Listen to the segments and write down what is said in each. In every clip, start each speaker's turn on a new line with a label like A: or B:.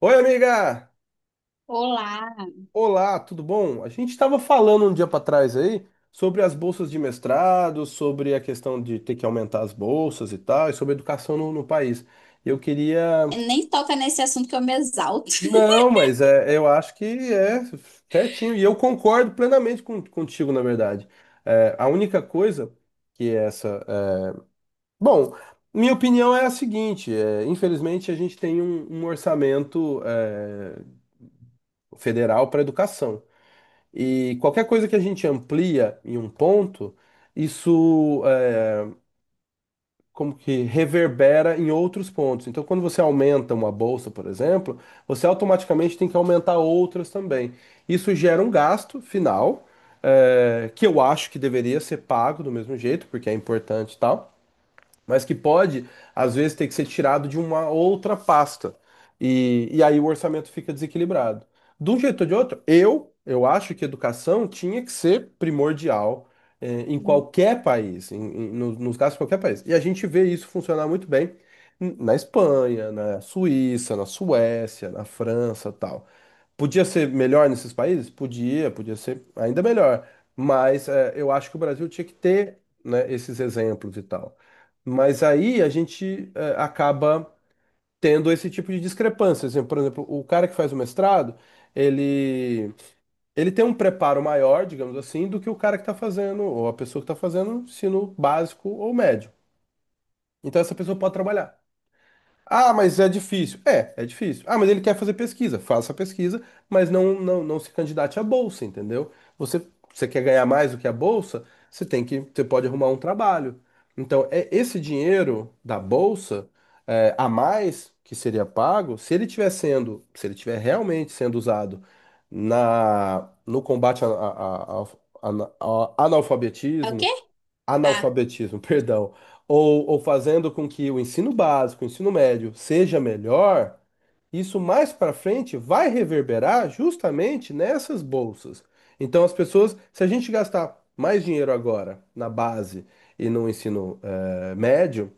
A: Oi, amiga!
B: Olá,
A: Olá, tudo bom? A gente estava falando um dia para trás aí sobre as bolsas de mestrado, sobre a questão de ter que aumentar as bolsas e tal, e sobre educação no país. Eu queria.
B: nem toca nesse assunto que eu me exalto.
A: Não, mas é, eu acho que é certinho, e eu concordo plenamente contigo, na verdade. É, a única coisa que é essa. Bom, minha opinião é a seguinte: infelizmente, a gente tem um orçamento federal para educação. E qualquer coisa que a gente amplia em um ponto, isso é, como que reverbera em outros pontos. Então, quando você aumenta uma bolsa, por exemplo, você automaticamente tem que aumentar outras também. Isso gera um gasto final, que eu acho que deveria ser pago do mesmo jeito, porque é importante e tal, mas que pode, às vezes, ter que ser tirado de uma outra pasta. E aí o orçamento fica desequilibrado. De um jeito ou de outro, eu acho que educação tinha que ser primordial, em qualquer país, nos casos de qualquer país. E a gente vê isso funcionar muito bem na Espanha, na Suíça, na Suécia, na França, tal. Podia ser melhor nesses países? Podia, podia ser ainda melhor. Mas é, eu acho que o Brasil tinha que ter, né, esses exemplos e tal. Mas aí a gente acaba tendo esse tipo de discrepância. Assim, por exemplo, o cara que faz o mestrado, ele, ele tem um preparo maior, digamos assim, do que o cara que está fazendo, ou a pessoa que está fazendo ensino básico ou médio. Então essa pessoa pode trabalhar. Ah, mas é difícil. É, é difícil. Ah, mas ele quer fazer pesquisa. Faça a pesquisa, mas não se candidate à bolsa, entendeu? Você, você quer ganhar mais do que a bolsa, você pode arrumar um trabalho. Então, é esse dinheiro da bolsa a mais que seria pago, se ele tiver realmente sendo usado no combate ao
B: É o
A: analfabetismo.
B: quê? Ah,
A: Analfabetismo, perdão, ou fazendo com que o ensino básico, o ensino médio seja melhor, isso mais para frente vai reverberar justamente nessas bolsas. Então, as pessoas, se a gente gastar mais dinheiro agora na base e no ensino médio,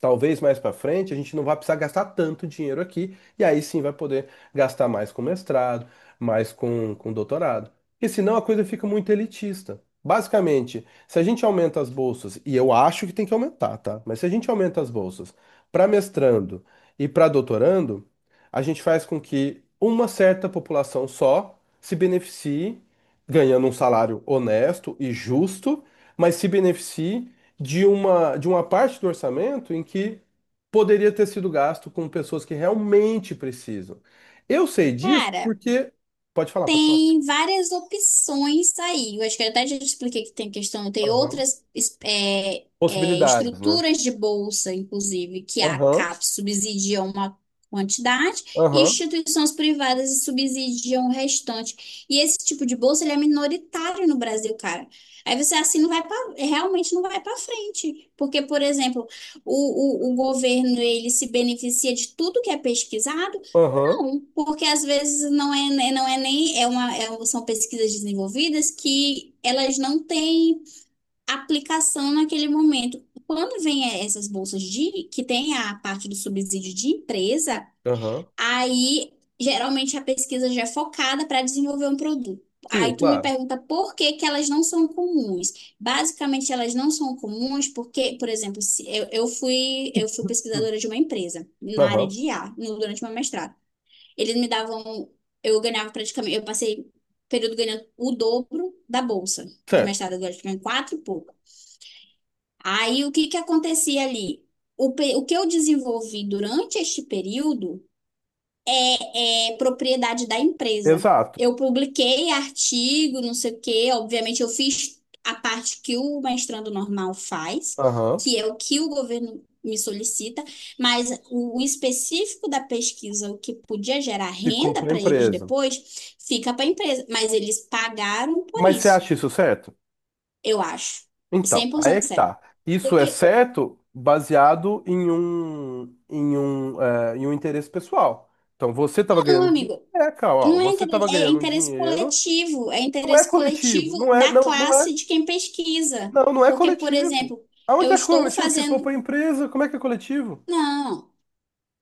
A: talvez mais para frente a gente não vai precisar gastar tanto dinheiro aqui, e aí sim vai poder gastar mais com mestrado, mais com doutorado. Porque senão a coisa fica muito elitista. Basicamente, se a gente aumenta as bolsas, e eu acho que tem que aumentar, tá? Mas se a gente aumenta as bolsas para mestrando e para doutorando, a gente faz com que uma certa população só se beneficie, ganhando um salário honesto e justo, mas se beneficie de uma parte do orçamento em que poderia ter sido gasto com pessoas que realmente precisam. Eu sei disso
B: cara.
A: porque. Pode falar, pode falar.
B: Tem várias opções, tá aí. Eu acho que eu até já te expliquei que tem questão, tem
A: Aham.
B: outras
A: Possibilidades, né?
B: estruturas de bolsa, inclusive, que a
A: Aham,
B: CAPES subsidia uma quantidade e
A: aham,
B: instituições privadas subsidiam o restante. E esse tipo de bolsa, ele é minoritário no Brasil, cara. Aí você assim não vai para, realmente não vai para frente, porque, por exemplo, o governo, ele se beneficia de tudo que é pesquisado
A: aham,
B: não, porque às vezes não é, né, não é nem é uma, são pesquisas desenvolvidas que elas não têm aplicação naquele momento. Quando vem essas bolsas de que tem a parte do subsídio de empresa,
A: aham.
B: aí geralmente a pesquisa já é focada para desenvolver um produto.
A: Sim,
B: Aí tu me
A: claro.
B: pergunta por que que elas não são comuns. Basicamente elas não são comuns porque, por exemplo, se eu fui
A: Hum.
B: pesquisadora de uma empresa na área
A: Aham.
B: de IA durante uma mestrado. Eles me davam, eu ganhava praticamente, eu passei período ganhando o dobro da bolsa de
A: Certo.
B: mestrado, agora ganhando quatro e pouco. Aí o que que acontecia ali? O que eu desenvolvi durante este período é propriedade da empresa.
A: Exato.
B: Eu publiquei artigo, não sei o quê, obviamente eu fiz a parte que o mestrando normal faz,
A: Aham.
B: que é o que o governo me solicita, mas o específico da pesquisa, o que podia gerar
A: Ficou
B: renda
A: para a
B: para eles
A: empresa.
B: depois, fica para a empresa. Mas eles pagaram por
A: Mas você
B: isso,
A: acha isso certo?
B: eu acho.
A: Então,
B: cem por
A: aí é
B: cento
A: que
B: certo.
A: tá. Isso é
B: Porque,
A: certo baseado em um, em um interesse pessoal. Então, você estava
B: não,
A: ganhando dinheiro.
B: amigo,
A: É, cara, ó,
B: não é
A: você estava
B: interesse,
A: ganhando um dinheiro.
B: é
A: Não é
B: interesse
A: coletivo,
B: coletivo da classe de quem pesquisa.
A: não é
B: Porque, por
A: coletivo.
B: exemplo, eu
A: Aonde é que
B: estou
A: coletivo? Ficou
B: fazendo.
A: para a empresa? Como é que é coletivo?
B: Não,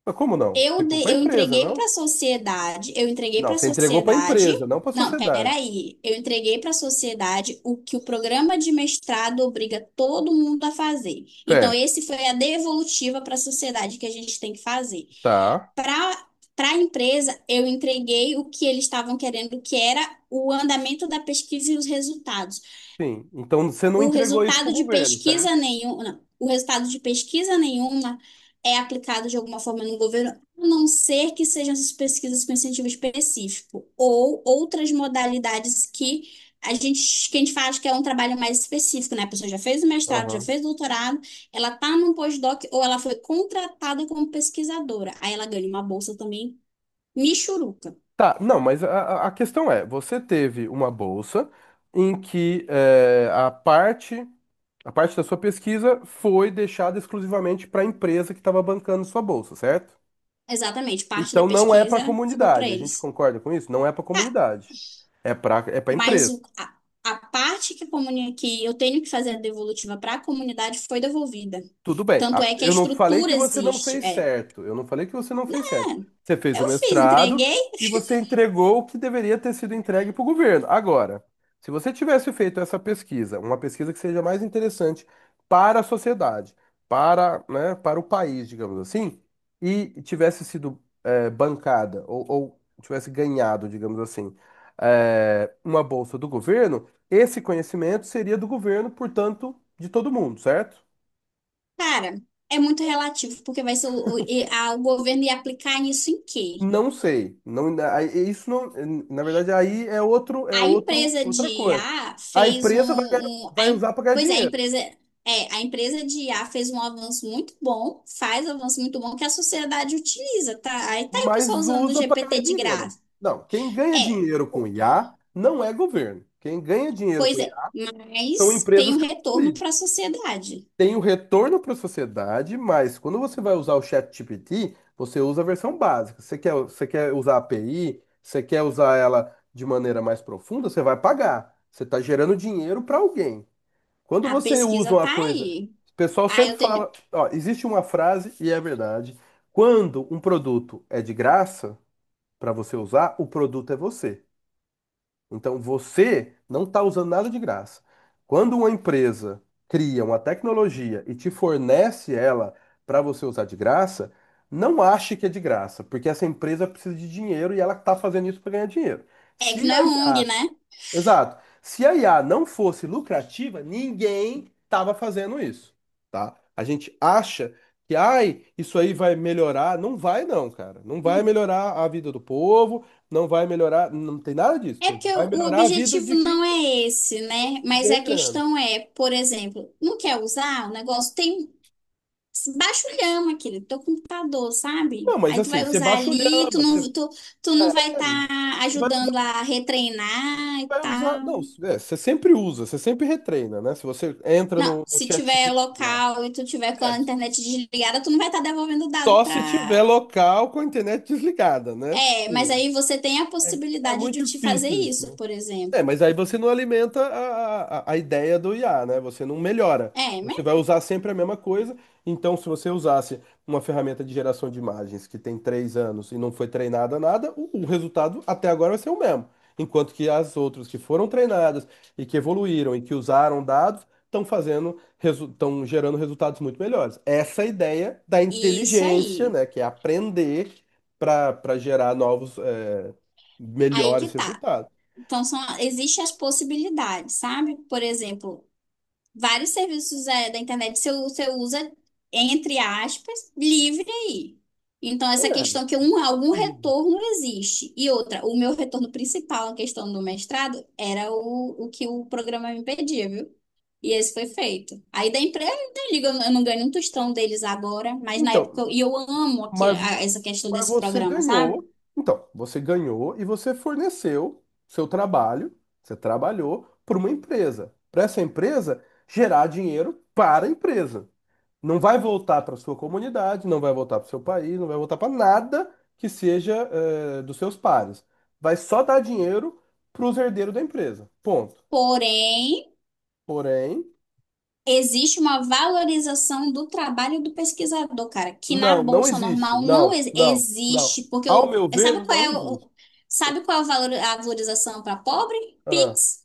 A: Mas como não? Ficou para a
B: eu
A: empresa,
B: entreguei para
A: não?
B: a sociedade, eu entreguei
A: Não,
B: para a
A: você entregou para a
B: sociedade.
A: empresa, não para a
B: Não,
A: sociedade.
B: peraí, eu entreguei para a sociedade o que o programa de mestrado obriga todo mundo a fazer. Então,
A: Certo,
B: esse foi a devolutiva para a sociedade que a gente tem que fazer.
A: tá.
B: Para a empresa, eu entreguei o que eles estavam querendo, que era o andamento da pesquisa e os resultados.
A: Sim. Então você não
B: O
A: entregou isso para
B: resultado
A: o
B: de
A: governo, certo?
B: pesquisa nenhum, não, o resultado de pesquisa nenhuma é aplicado de alguma forma no governo, a não ser que sejam essas pesquisas com incentivo específico ou outras modalidades que a gente faz, que é um trabalho mais específico, né? A pessoa já fez o mestrado, já
A: Aham.
B: fez o doutorado, ela está num postdoc ou ela foi contratada como pesquisadora. Aí ela ganha uma bolsa também Michuruca,
A: Tá, não, mas a questão é, você teve uma bolsa em que a parte da sua pesquisa foi deixada exclusivamente para a empresa que estava bancando sua bolsa, certo?
B: exatamente. Parte da
A: Então não é para a
B: pesquisa ficou para
A: comunidade, a gente
B: eles.
A: concorda com isso? Não é para a comunidade, é para...
B: Mas o- a, a parte que, que eu tenho que fazer a devolutiva para a comunidade, foi devolvida.
A: Tudo bem.
B: Tanto é que a
A: Eu não falei
B: estrutura
A: que você não
B: existe.
A: fez
B: É,
A: certo. Eu não falei que você não fez certo. Você fez o
B: eu fiz,
A: mestrado
B: entreguei,
A: e você entregou o que deveria ter sido entregue para o governo. Agora, se você tivesse feito essa pesquisa, uma pesquisa que seja mais interessante para a sociedade, para, né, para o país, digamos assim, e tivesse sido bancada ou tivesse ganhado, digamos assim, uma bolsa do governo, esse conhecimento seria do governo, portanto, de todo mundo, certo?
B: cara. É muito relativo, porque vai ser o governo ia aplicar nisso em quê?
A: Não sei, não, na verdade aí é outro,
B: A empresa de
A: outra
B: I
A: coisa.
B: A
A: A
B: fez
A: empresa vai ganhar- vai usar para ganhar
B: pois é, a
A: dinheiro,
B: empresa a empresa de I A fez um avanço muito bom, faz um avanço muito bom que a sociedade utiliza, tá? Aí tá aí o pessoal
A: mas
B: usando o
A: usa para
B: GPT
A: ganhar
B: de
A: dinheiro.
B: graça.
A: Não, quem ganha
B: É,
A: dinheiro com
B: o-
A: IA não é governo. Quem ganha dinheiro com
B: Pois é,
A: IA são
B: mas tem
A: empresas
B: um retorno para a
A: capitalistas.
B: sociedade.
A: Tem o retorno para a sociedade, mas quando você vai usar o ChatGPT, você usa a versão básica. Você quer usar a API, você quer usar ela de maneira mais profunda, você vai pagar. Você está gerando dinheiro para alguém. Quando
B: A
A: você usa
B: pesquisa
A: uma
B: tá
A: coisa,
B: aí.
A: o pessoal
B: Aí
A: sempre
B: eu tenho,
A: fala, ó, existe uma frase e é verdade. Quando um produto é de graça para você usar, o produto é você. Então você não está usando nada de graça. Quando uma empresa cria uma tecnologia e te fornece ela para você usar de graça, não ache que é de graça, porque essa empresa precisa de dinheiro e ela está fazendo isso para ganhar dinheiro.
B: é que
A: Se
B: não
A: a
B: é ONG, né?
A: Exato. Se a IA não fosse lucrativa, ninguém estava fazendo isso, tá? A gente acha que, ai, isso aí vai melhorar. Não vai, não, cara. Não vai
B: Uhum.
A: melhorar a vida do povo, não vai melhorar. Não tem nada disso.
B: É
A: Quem
B: porque
A: vai
B: o
A: melhorar a vida
B: objetivo
A: de quem
B: não é esse,
A: quem
B: né? Mas
A: ganha
B: a
A: grana.
B: questão é, por exemplo, não quer usar o negócio? Tem Baixulhão aquele teu computador, sabe?
A: Não, mas
B: Aí tu
A: assim,
B: vai
A: você
B: usar
A: baixa o
B: ali, tu
A: lhama, você.
B: não, tu, tu não vai
A: É, você
B: estar
A: vai usar,
B: ajudando a retreinar e
A: vai usar.
B: tal.
A: Não, é, você sempre usa, você sempre retreina, né? Se você entra
B: Não,
A: no
B: se tiver
A: ChatGPT lá.
B: local e tu tiver com
A: É.
B: a internet desligada, tu não vai estar devolvendo dado
A: Só se tiver
B: pra.
A: local com a internet desligada, né?
B: É, mas
A: Tipo,
B: aí você tem a
A: é, é
B: possibilidade de
A: muito
B: te fazer
A: difícil isso,
B: isso,
A: né?
B: por
A: É,
B: exemplo.
A: mas aí você não alimenta a ideia do IA, né? Você não melhora.
B: É, né?
A: Você vai usar sempre a mesma coisa. Então, se você usasse uma ferramenta de geração de imagens que tem 3 anos e não foi treinada a nada, o resultado até agora vai ser o mesmo. Enquanto que as outras que foram treinadas e que evoluíram e que usaram dados estão fazendo, estão gerando resultados muito melhores. Essa é a ideia da
B: Isso
A: inteligência,
B: aí.
A: né? Que é aprender para gerar novos,
B: Aí que
A: melhores
B: tá.
A: resultados.
B: Então, existem as possibilidades, sabe? Por exemplo, vários serviços da internet, você usa, entre aspas, livre aí. Então, essa questão que algum
A: É.
B: retorno existe. E outra, o meu retorno principal na questão do mestrado era o que o programa me pedia, viu? E esse foi feito. Aí da empresa, eu não ligo, eu não ganho um tostão deles agora, mas na época,
A: Então,
B: e eu amo aqui,
A: mas,
B: essa questão
A: mas
B: desse
A: você
B: programa, sabe?
A: ganhou. Então, você ganhou e você forneceu seu trabalho, você trabalhou para uma empresa. Para essa empresa gerar dinheiro para a empresa. Não vai voltar para sua comunidade, não vai voltar para o seu país, não vai voltar para nada que seja dos seus pares. Vai só dar dinheiro para os herdeiros da empresa. Ponto.
B: Porém,
A: Porém,
B: existe uma valorização do trabalho do pesquisador, cara, que na
A: não, não
B: bolsa
A: existe.
B: normal não
A: Não.
B: existe, porque
A: Ao meu ver, não existe.
B: sabe qual é a valorização para pobre?
A: Ah.
B: Pix.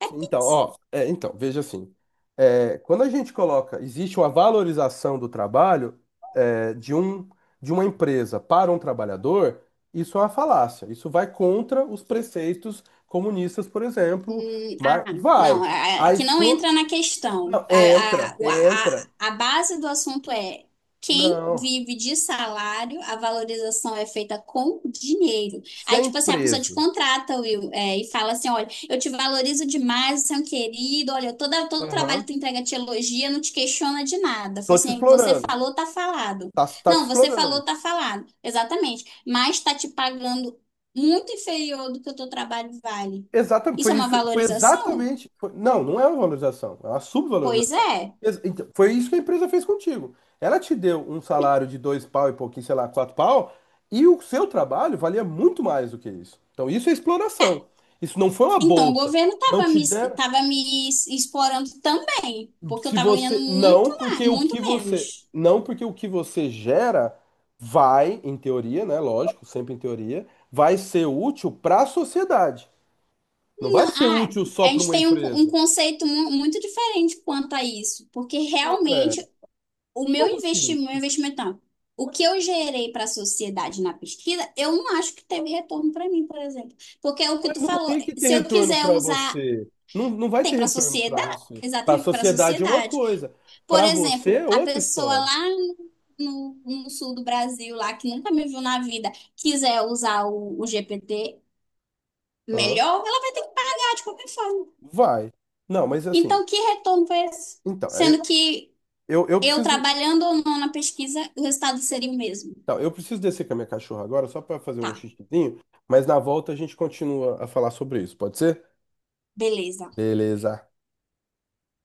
B: É
A: Sim, então,
B: Pix.
A: ó, é, então, veja assim, é, quando a gente coloca, existe uma valorização do trabalho é, de um, de uma empresa para um trabalhador, isso é uma falácia, isso vai contra os preceitos comunistas, por exemplo,
B: Hum, ah,
A: mas
B: não,
A: vai, a
B: que não
A: explo...
B: entra na questão.
A: Não, entra, entra,
B: A base do assunto é quem
A: não,
B: vive de salário, a valorização é feita com dinheiro.
A: se a
B: Aí, tipo assim, a pessoa te
A: empresa,
B: contrata, Will, e fala assim: olha, eu te valorizo demais, você é um querido. Olha, todo trabalho que
A: aham,
B: tu entrega te elogia, não te questiona de nada.
A: tô
B: Fala
A: te
B: assim, você
A: explorando,
B: falou, tá falado.
A: tá, tá te
B: Não, você
A: explorando.
B: falou, tá falado. Exatamente. Mas tá te pagando muito inferior do que o teu trabalho vale.
A: Exatamente,
B: Isso é
A: foi
B: uma
A: isso, foi
B: valorização?
A: exatamente. Não, não é uma valorização, é uma
B: Pois
A: subvalorização.
B: é.
A: Então, foi isso que a empresa fez contigo. Ela te deu um salário de dois pau e pouquinho, sei lá, quatro pau, e o seu trabalho valia muito mais do que isso. Então, isso é exploração. Isso não foi uma
B: Então, o
A: bolsa.
B: governo
A: Não te deram.
B: tava me explorando também, porque eu
A: Se
B: estava ganhando
A: você. Não, porque o
B: muito
A: que você.
B: menos.
A: Não, porque o que você gera vai, em teoria, né? Lógico, sempre em teoria, vai ser útil para a sociedade. Não
B: Não,
A: vai ser útil só
B: a
A: para
B: gente
A: uma
B: tem um
A: empresa.
B: conceito muito diferente quanto a isso, porque
A: Ué,
B: realmente o meu
A: como assim?
B: investimento, não, o que eu gerei para a sociedade na pesquisa, eu não acho que teve retorno para mim, por exemplo. Porque é o que
A: Mas
B: tu
A: não
B: falou,
A: tem que ter
B: se eu
A: retorno
B: quiser
A: para
B: usar,
A: você. Não, não vai ter
B: tem para a
A: retorno para
B: sociedade,
A: você. Para a
B: exatamente para a
A: sociedade é uma
B: sociedade.
A: coisa,
B: Por
A: para você
B: exemplo,
A: é
B: a
A: outra
B: pessoa
A: história.
B: lá no sul do Brasil, lá que nunca me viu na vida, quiser usar o GPT
A: Hã?
B: melhor, ela vai ter que pagar de qualquer forma.
A: Vai. Não, mas assim,
B: Então, que retorno foi esse?
A: então,
B: Sendo que
A: eu
B: eu
A: preciso,
B: trabalhando ou não na pesquisa, o resultado seria o mesmo.
A: tá, eu preciso descer com a minha cachorra agora só para fazer
B: Tá,
A: um xixizinho, mas na volta a gente continua a falar sobre isso, pode ser?
B: beleza.
A: Beleza.